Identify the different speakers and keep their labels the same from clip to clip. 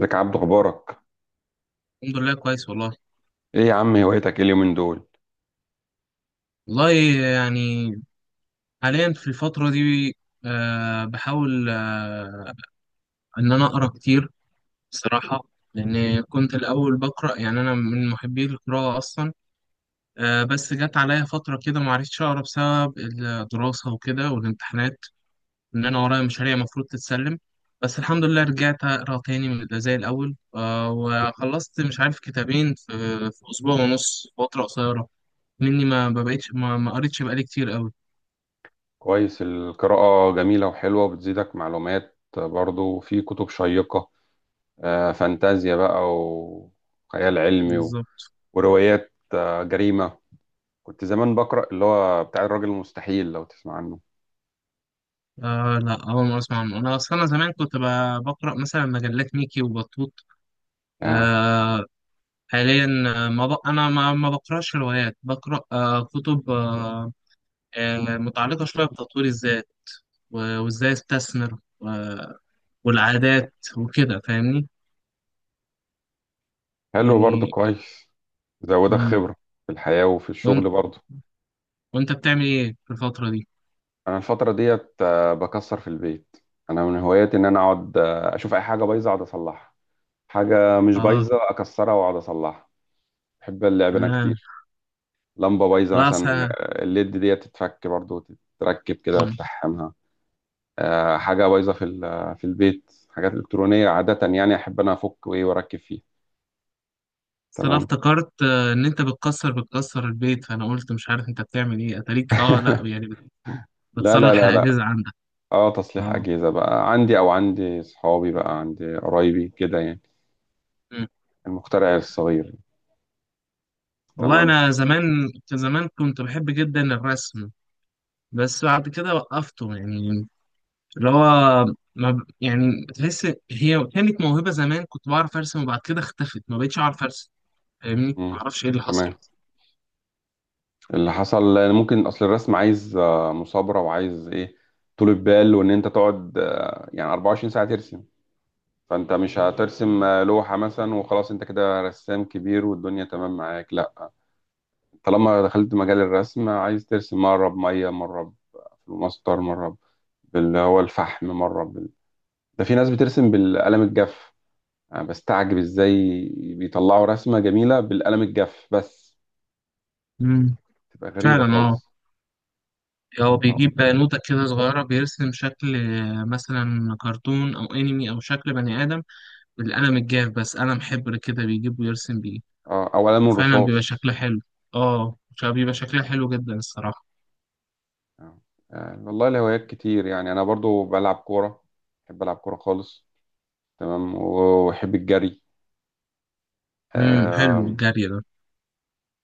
Speaker 1: ازيك يا عبدو، اخبارك؟
Speaker 2: الحمد لله، كويس والله
Speaker 1: ايه يا عم، هوايتك ايه اليومين دول؟
Speaker 2: والله يعني حاليا في الفترة دي، بحاول، إن أنا أقرأ كتير بصراحة. لأن كنت الأول بقرأ، يعني أنا من محبي القراءة أصلا. بس جت عليا فترة كده معرفتش أقرأ بسبب الدراسة وكده والامتحانات، إن أنا ورايا مشاريع المفروض تتسلم. بس الحمد لله رجعت أقرأ تاني، زي الأول. وخلصت مش عارف كتابين في أسبوع ونص، فترة قصيرة مني. ما بقيتش ما قريتش بقالي كتير أوي.
Speaker 1: كويس، القراءة جميلة وحلوة وبتزيدك معلومات برضو، في كتب شيقة. فانتازيا بقى وخيال علمي
Speaker 2: بالظبط.
Speaker 1: وروايات جريمة. كنت زمان بقرأ اللي هو بتاع الراجل المستحيل، لو تسمع عنه.
Speaker 2: آه، لا، أول مرة أسمع عنه. أنا أصلا أنا زمان كنت بقرأ مثلا مجلات ميكي وبطوط.
Speaker 1: آه،
Speaker 2: آه. حاليا، ما ب... أنا ما بقرأش روايات، بقرأ آه كتب آه، آه متعلقة شوية بتطوير الذات، و- وإزاي أستثمر و... والعادات وكده، فاهمني؟
Speaker 1: حلو برضو
Speaker 2: يعني.
Speaker 1: كويس. زودك
Speaker 2: مم.
Speaker 1: خبرة في الحياة وفي
Speaker 2: وإن-
Speaker 1: الشغل برضو.
Speaker 2: وأنت بتعمل إيه في الفترة دي؟
Speaker 1: أنا الفترة ديت بكسر في البيت. أنا من هواياتي إن أنا أقعد أشوف أي حاجة بايظة أقعد أصلحها. حاجة مش
Speaker 2: آه.
Speaker 1: بايظة أكسرها وأقعد أصلحها. بحب اللعب أنا
Speaker 2: تمام.
Speaker 1: كتير. لمبة بايظة
Speaker 2: لا،
Speaker 1: مثلا،
Speaker 2: أصل.
Speaker 1: الليد ديت تتفك برضه وتتركب كده
Speaker 2: مم.
Speaker 1: وتلحمها. حاجة بايظة في في البيت، حاجات إلكترونية عادة يعني أحب أنا أفك وإيه وأركب فيها.
Speaker 2: أصل أنا
Speaker 1: تمام.
Speaker 2: افتكرت، إن أنت بتكسر البيت، فأنا قلت مش عارف أنت بتعمل إيه، أتاريك آه لأ، يعني
Speaker 1: لا لا
Speaker 2: بتصلح
Speaker 1: لا لا.
Speaker 2: الأجهزة عندك.
Speaker 1: اه، تصليح
Speaker 2: اه.
Speaker 1: أجهزة بقى عندي، أو عندي صحابي بقى، عندي قرايبي كده يعني.
Speaker 2: مم.
Speaker 1: المخترع الصغير.
Speaker 2: والله
Speaker 1: تمام.
Speaker 2: أنا زمان كان زمان كنت بحب جدا الرسم. بس بعد كده وقفته، يعني اللي هو ما ب... يعني تحس. هي كانت موهبة زمان، كنت بعرف أرسم، وبعد كده اختفت، ما بقتش أعرف أرسم، فاهمني؟ ما
Speaker 1: مم.
Speaker 2: أعرفش إيه اللي حصل.
Speaker 1: تمام. اللي حصل لأن ممكن اصل الرسم عايز مثابره، وعايز ايه، طولة بال، وان انت تقعد يعني 24 ساعه ترسم. فانت مش هترسم لوحه مثلا وخلاص انت كده رسام كبير والدنيا تمام معاك، لا. طالما دخلت مجال الرسم، عايز ترسم مره بميه، مره بفلوماستر، مره باللي هو الفحم، مره ده في ناس بترسم بالقلم الجاف. انا بستعجب ازاي بيطلعوا رسمه جميله بالقلم الجاف بس.
Speaker 2: مم.
Speaker 1: تبقى غريبه
Speaker 2: فعلا، اه.
Speaker 1: خالص.
Speaker 2: هو
Speaker 1: اه،
Speaker 2: بيجيب بنوتة كده صغيرة بيرسم شكل، مثلا كرتون أو أنمي أو شكل بني آدم، بالقلم الجاف بس، قلم حبر كده بيجيب ويرسم بيه.
Speaker 1: او قلم
Speaker 2: فعلا بيبقى
Speaker 1: الرصاص.
Speaker 2: شكلها حلو. اه، بيبقى شكلها حلو جدا الصراحة.
Speaker 1: آه. والله الهوايات كتير، يعني انا برضو بلعب كوره. بحب العب كوره خالص. تمام، واحب الجري.
Speaker 2: حلو
Speaker 1: اه،
Speaker 2: الجري ده.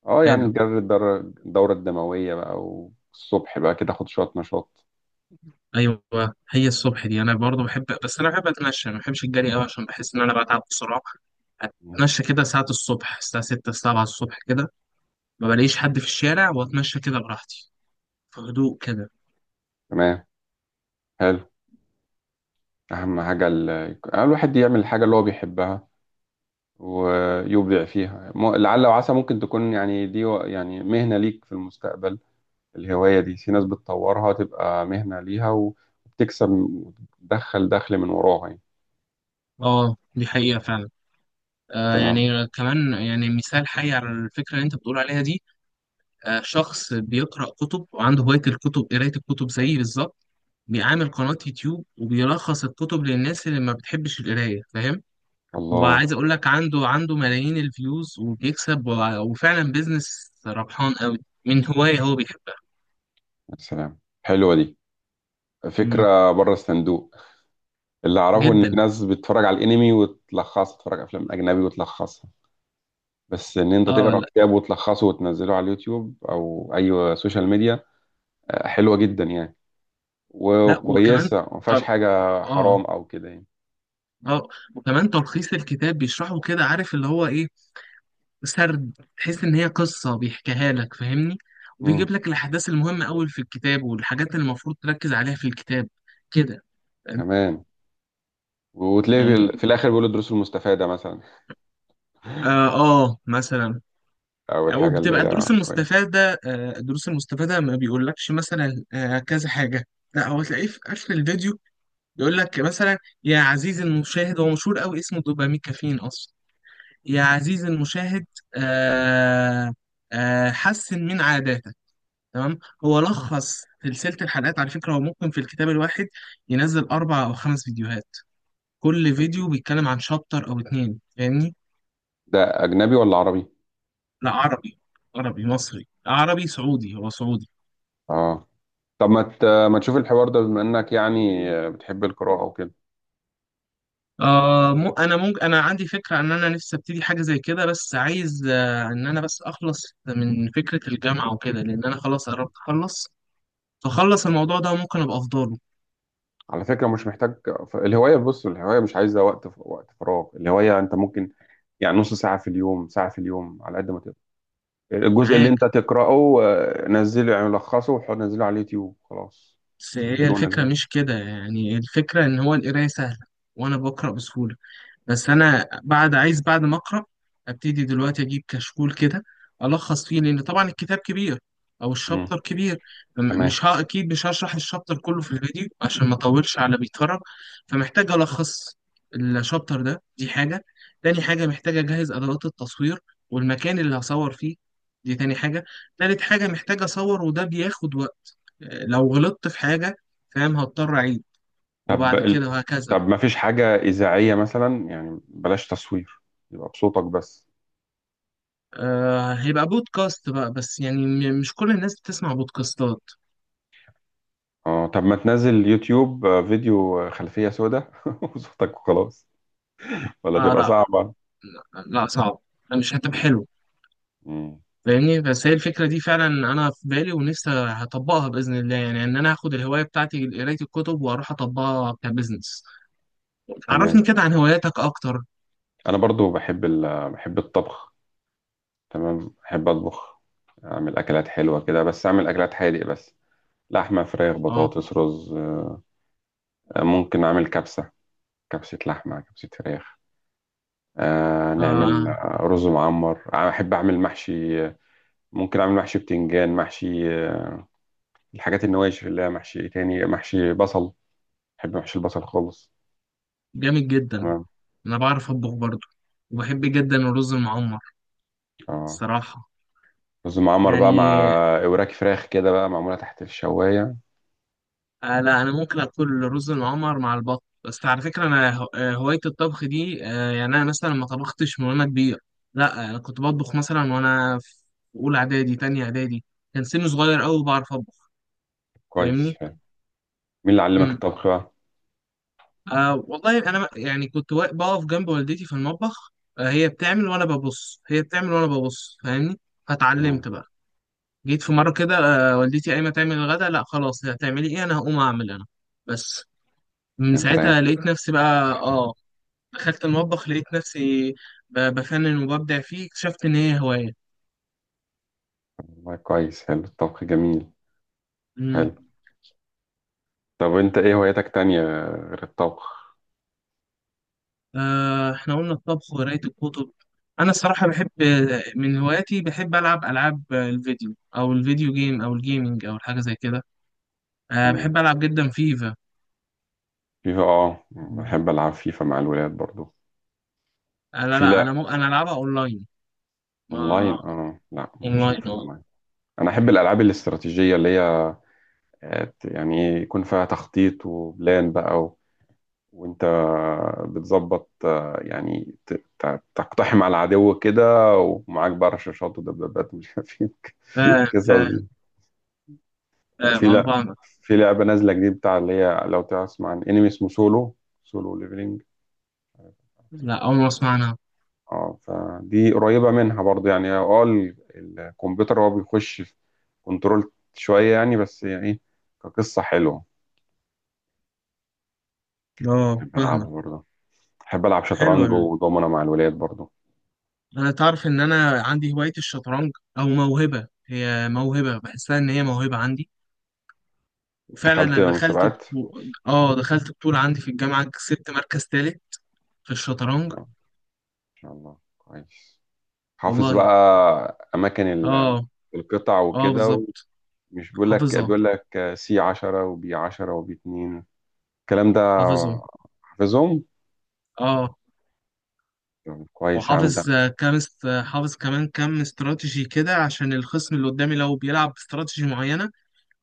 Speaker 1: يعني
Speaker 2: حلو،
Speaker 1: الجري، الدوره الدمويه بقى، والصبح بقى كده اخد شويه نشاط.
Speaker 2: ايوه. هي الصبح دي انا برضو بحب، بس انا بحب اتمشى، ما بحبش الجري قوي عشان بحس ان انا بتعب بسرعة.
Speaker 1: مم.
Speaker 2: اتمشى كده ساعة الصبح، الساعة 6 7 الصبح كده. ما بلاقيش حد في الشارع، واتمشى كده براحتي، في هدوء كده.
Speaker 1: تمام. حلو. اهم حاجه الواحد يعمل الحاجه اللي هو بيحبها ويبدع فيها، لعل وعسى ممكن تكون يعني دي يعني مهنه ليك في المستقبل. الهوايه دي في ناس بتطورها تبقى مهنه ليها وبتكسب وتدخل دخل من وراها يعني.
Speaker 2: اه، دي حقيقة فعلا.
Speaker 1: تمام.
Speaker 2: يعني كمان، يعني مثال حي على الفكرة اللي انت بتقول عليها دي. شخص بيقرأ كتب وعنده هواية الكتب، قراية الكتب زيي بالظبط، بيعمل قناة يوتيوب وبيلخص الكتب للناس اللي ما بتحبش القراية، فاهم؟
Speaker 1: الله.
Speaker 2: وعايز اقول لك، عنده ملايين الفيوز وبيكسب، و- وفعلا بيزنس ربحان قوي، من هواية هو بيحبها.
Speaker 1: يا سلام، حلوة دي،
Speaker 2: مم.
Speaker 1: فكرة بره الصندوق. اللي أعرفه إن في
Speaker 2: جدا.
Speaker 1: ناس بتتفرج على الأنمي وتلخصها، تتفرج على أفلام أجنبي وتلخصها. بس إن أنت
Speaker 2: اه،
Speaker 1: تقرأ
Speaker 2: لا.
Speaker 1: كتاب وتلخصه وتنزله على اليوتيوب أو أي سوشيال ميديا، حلوة جدا يعني.
Speaker 2: لا، وكمان
Speaker 1: وكويسة، ما فيهاش
Speaker 2: تر...
Speaker 1: حاجة حرام
Speaker 2: اه،
Speaker 1: أو كده يعني.
Speaker 2: اه. وكمان تلخيص الكتاب بيشرحه كده، عارف اللي هو ايه، سرد، تحس ان هي قصة بيحكيها لك، فاهمني؟
Speaker 1: مم.
Speaker 2: وبيجيب لك الاحداث المهمة قوي في الكتاب، والحاجات اللي المفروض تركز عليها في الكتاب كده. فاهم؟
Speaker 1: كمان، وتلاقي في
Speaker 2: يعني
Speaker 1: في الآخر بيقولوا الدروس المستفادة مثلا،
Speaker 2: اه، مثلا.
Speaker 1: أو
Speaker 2: او
Speaker 1: الحاجة اللي
Speaker 2: بتبقى
Speaker 1: هي
Speaker 2: الدروس
Speaker 1: كويسة.
Speaker 2: المستفاده، الدروس المستفاده ما بيقولكش مثلا كذا حاجه. لا، هو تلاقيه في اخر الفيديو يقول لك مثلا: يا عزيزي المشاهد، هو مشهور قوي، اسمه دوبامين كافيين اصلا. يا عزيزي المشاهد، آه، حسن من عاداتك، تمام. هو لخص سلسله الحلقات على فكره. هو ممكن في الكتاب الواحد ينزل اربع او خمس فيديوهات، كل فيديو بيتكلم عن شابتر او اتنين، فاهمني؟
Speaker 1: ده أجنبي ولا عربي؟
Speaker 2: لا، عربي. عربي مصري، عربي سعودي، هو سعودي.
Speaker 1: آه. طب ما تشوف الحوار ده، بما انك يعني بتحب القراءة وكده.
Speaker 2: انا عندي فكره ان انا نفسي ابتدي حاجه زي كده، بس عايز ان انا بس اخلص من فكره الجامعه وكده، لان انا خلاص قربت اخلص، فخلص الموضوع ده ممكن ابقى افضله.
Speaker 1: على فكرة مش محتاج، الهواية، بص، الهواية مش عايزة وقت، وقت فراغ، الهواية انت ممكن يعني نص ساعة في اليوم، ساعة في اليوم، على قد ما تقدر، الجزء اللي
Speaker 2: معاك.
Speaker 1: انت تقرأه نزله، يعني لخصه نزله على اليوتيوب خلاص،
Speaker 2: بس هي
Speaker 1: سجله
Speaker 2: الفكره
Speaker 1: ونزله.
Speaker 2: مش كده، يعني الفكره ان هو القرايه سهله، وانا بقرا بسهوله، بس انا بعد عايز، بعد ما اقرا، ابتدي دلوقتي اجيب كشكول كده الخص فيه، لان طبعا الكتاب كبير او
Speaker 1: امم.
Speaker 2: الشابتر كبير. م-
Speaker 1: تمام.
Speaker 2: مش ها اكيد مش هشرح الشابتر كله في الفيديو عشان ما اطولش على بيتفرج. فمحتاج الخص الشابتر ده، دي حاجه. تاني حاجه محتاج اجهز ادوات التصوير والمكان اللي هصور فيه، دي تاني حاجه. تالت حاجه محتاج اصور، وده بياخد وقت، لو غلطت في حاجه فاهم هضطر اعيد،
Speaker 1: طب
Speaker 2: وبعد كده وهكذا.
Speaker 1: طب ما فيش حاجة إذاعية مثلا، يعني بلاش تصوير، يبقى بصوتك بس.
Speaker 2: هيبقى بودكاست بقى، بس يعني مش كل الناس بتسمع بودكاستات.
Speaker 1: اه، طب ما تنزل يوتيوب، فيديو، خلفية سوداء وصوتك وخلاص. ولا تبقى
Speaker 2: لا.
Speaker 1: صعبة؟
Speaker 2: لا، صعب، مش هتبقى حلو،
Speaker 1: مم.
Speaker 2: فاهمني؟ بس هي الفكرة دي فعلا أنا في بالي ونفسي هطبقها بإذن الله، يعني إن أنا هاخد الهواية بتاعتي قراية الكتب وأروح أطبقها كبزنس.
Speaker 1: تمام.
Speaker 2: عرفني كده عن هواياتك أكتر.
Speaker 1: أنا برضو بحب بحب الطبخ. تمام، بحب أطبخ. أعمل أكلات حلوة كده، بس أعمل أكلات حادق بس. لحمة، فراخ،
Speaker 2: آه,
Speaker 1: بطاطس، رز. ممكن أعمل كبسة، كبسة لحمة، كبسة فراخ. آه نعمل
Speaker 2: آه
Speaker 1: رز معمر. أحب أعمل محشي. ممكن أعمل محشي بتنجان، محشي الحاجات النواشف، اللي هي محشي إيه تاني، محشي بصل. بحب محشي البصل خالص.
Speaker 2: جامد جدا.
Speaker 1: تمام.
Speaker 2: أنا بعرف أطبخ برضه، وبحب جدا الرز المعمر
Speaker 1: اه
Speaker 2: الصراحة،
Speaker 1: رز معمر بقى، مع
Speaker 2: يعني.
Speaker 1: وراك فراخ كده بقى معمولة تحت الشواية.
Speaker 2: آه، لا، انا ممكن اكل رز معمر مع البط. بس على فكره انا هو- آه، هوايه الطبخ دي، يعني انا مثلا ما طبختش من وانا كبير. لا، انا كنت بطبخ مثلا وانا في اولى اعدادي، تانية اعدادي، كان سني صغير قوي بعرف اطبخ،
Speaker 1: كويس
Speaker 2: فاهمني؟
Speaker 1: حلو. مين اللي علمك
Speaker 2: امم
Speaker 1: الطبخ بقى؟
Speaker 2: والله انا يعني كنت بقف جنب والدتي في المطبخ. هي بتعمل وانا ببص، هي بتعمل وانا ببص، فاهمني؟
Speaker 1: مم.
Speaker 2: فاتعلمت بقى. جيت في مره كده، والدتي قايمه تعمل الغدا، لا خلاص هتعملي ايه، انا هقوم اعمل انا بس. من
Speaker 1: انت رايح.
Speaker 2: ساعتها لقيت نفسي بقى، اه، دخلت المطبخ لقيت نفسي بفنن وببدع فيه، اكتشفت إن هي هواية.
Speaker 1: والله كويس، حلو الطبخ جميل.
Speaker 2: مم.
Speaker 1: حلو. طب انت ايه هواياتك تانية غير الطبخ؟
Speaker 2: إحنا قلنا الطبخ وقراية الكتب. أنا الصراحة بحب، من هواياتي بحب ألعب ألعاب الفيديو، أو الفيديو جيم أو الجيمينج أو حاجة زي كده.
Speaker 1: تمام.
Speaker 2: بحب ألعب جدا فيفا.
Speaker 1: فيفا، اه،
Speaker 2: مم.
Speaker 1: بحب العب فيفا مع الولاد برضو.
Speaker 2: أنا،
Speaker 1: وفي
Speaker 2: لا، أنا
Speaker 1: لا.
Speaker 2: مو... أنا ألعبها أونلاين. ما
Speaker 1: اونلاين، اه لا، ماليش
Speaker 2: أونلاين،
Speaker 1: انا في الاونلاين. انا احب الالعاب الاستراتيجية، اللي هي يعني ايه، يكون فيها تخطيط وبلان بقى وانت بتظبط يعني تقتحم على العدو كده، ومعاك بقى رشاشات ودبابات، مش عارف ايه.
Speaker 2: أه.
Speaker 1: القصص
Speaker 2: فاهم
Speaker 1: دي.
Speaker 2: فاهم
Speaker 1: وفي
Speaker 2: فاهم أه،
Speaker 1: لا،
Speaker 2: فاهمك.
Speaker 1: في لعبة نازلة جديد بتاع، اللي هي، لو تسمع عن انمي اسمه سولو، سولو ليفلينج.
Speaker 2: لا، أول ما أسمع عنها.
Speaker 1: اه، فدي قريبة منها برضه، يعني اه الكمبيوتر هو بيخش في كنترول شوية، يعني بس يعني ايه، كقصة حلوة.
Speaker 2: أه،
Speaker 1: بحب ألعبها
Speaker 2: فاهمك.
Speaker 1: برضه. بحب ألعب شطرنج
Speaker 2: حلوة.
Speaker 1: ودومنا مع الولاد برضه.
Speaker 2: انا تعرف ان انا عندي هواية الشطرنج، او موهبة، هي موهبة بحسها ان هي موهبة عندي. وفعلا
Speaker 1: دخلت
Speaker 2: انا
Speaker 1: مسابقات.
Speaker 2: دخلت بطولة عندي في الجامعة، كسبت مركز تالت في الشطرنج.
Speaker 1: إن شاء الله كويس. حافظ
Speaker 2: والله،
Speaker 1: بقى أماكن
Speaker 2: اه.
Speaker 1: القطع
Speaker 2: اه،
Speaker 1: وكده.
Speaker 2: بالظبط.
Speaker 1: ومش بيقول لك
Speaker 2: حافظها.
Speaker 1: بيقول لك سي 10 وبي 10 وبي 2، الكلام ده،
Speaker 2: حافظهم.
Speaker 1: حافظهم.
Speaker 2: اه،
Speaker 1: طب كويس يا عم ده.
Speaker 2: وحافظ حافظ كمان كام استراتيجي كده، عشان الخصم اللي قدامي لو بيلعب باستراتيجي معينة،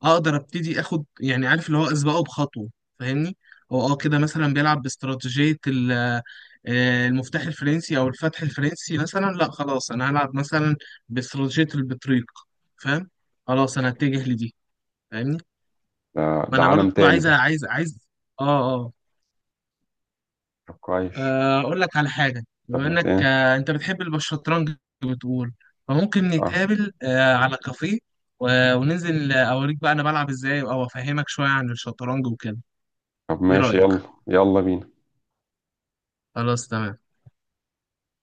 Speaker 2: اقدر ابتدي اخد، يعني عارف اللي هو اسبقه بخطوه، فاهمني؟ هو كده مثلا بيلعب باستراتيجيه المفتاح الفرنسي او الفتح الفرنسي مثلا، لا خلاص انا هلعب مثلا باستراتيجيه البطريق، فاهم؟ خلاص انا اتجه لدي، فاهمني؟
Speaker 1: ده,
Speaker 2: ما
Speaker 1: ده
Speaker 2: انا
Speaker 1: عالم
Speaker 2: برضو
Speaker 1: تاني
Speaker 2: عايز،
Speaker 1: ده.
Speaker 2: اه، اه.
Speaker 1: طب كويس.
Speaker 2: اقول لك على حاجه
Speaker 1: طب
Speaker 2: بما
Speaker 1: ما
Speaker 2: انك،
Speaker 1: ايه.
Speaker 2: انت بتحب الشطرنج، بتقول، فممكن
Speaker 1: اه
Speaker 2: نتقابل على كافيه، و- وننزل اوريك بقى انا بلعب ازاي او افهمك شويه عن الشطرنج وكده.
Speaker 1: طب
Speaker 2: ايه
Speaker 1: ماشي،
Speaker 2: رأيك؟
Speaker 1: يلا، يلا بينا.
Speaker 2: خلاص، تمام.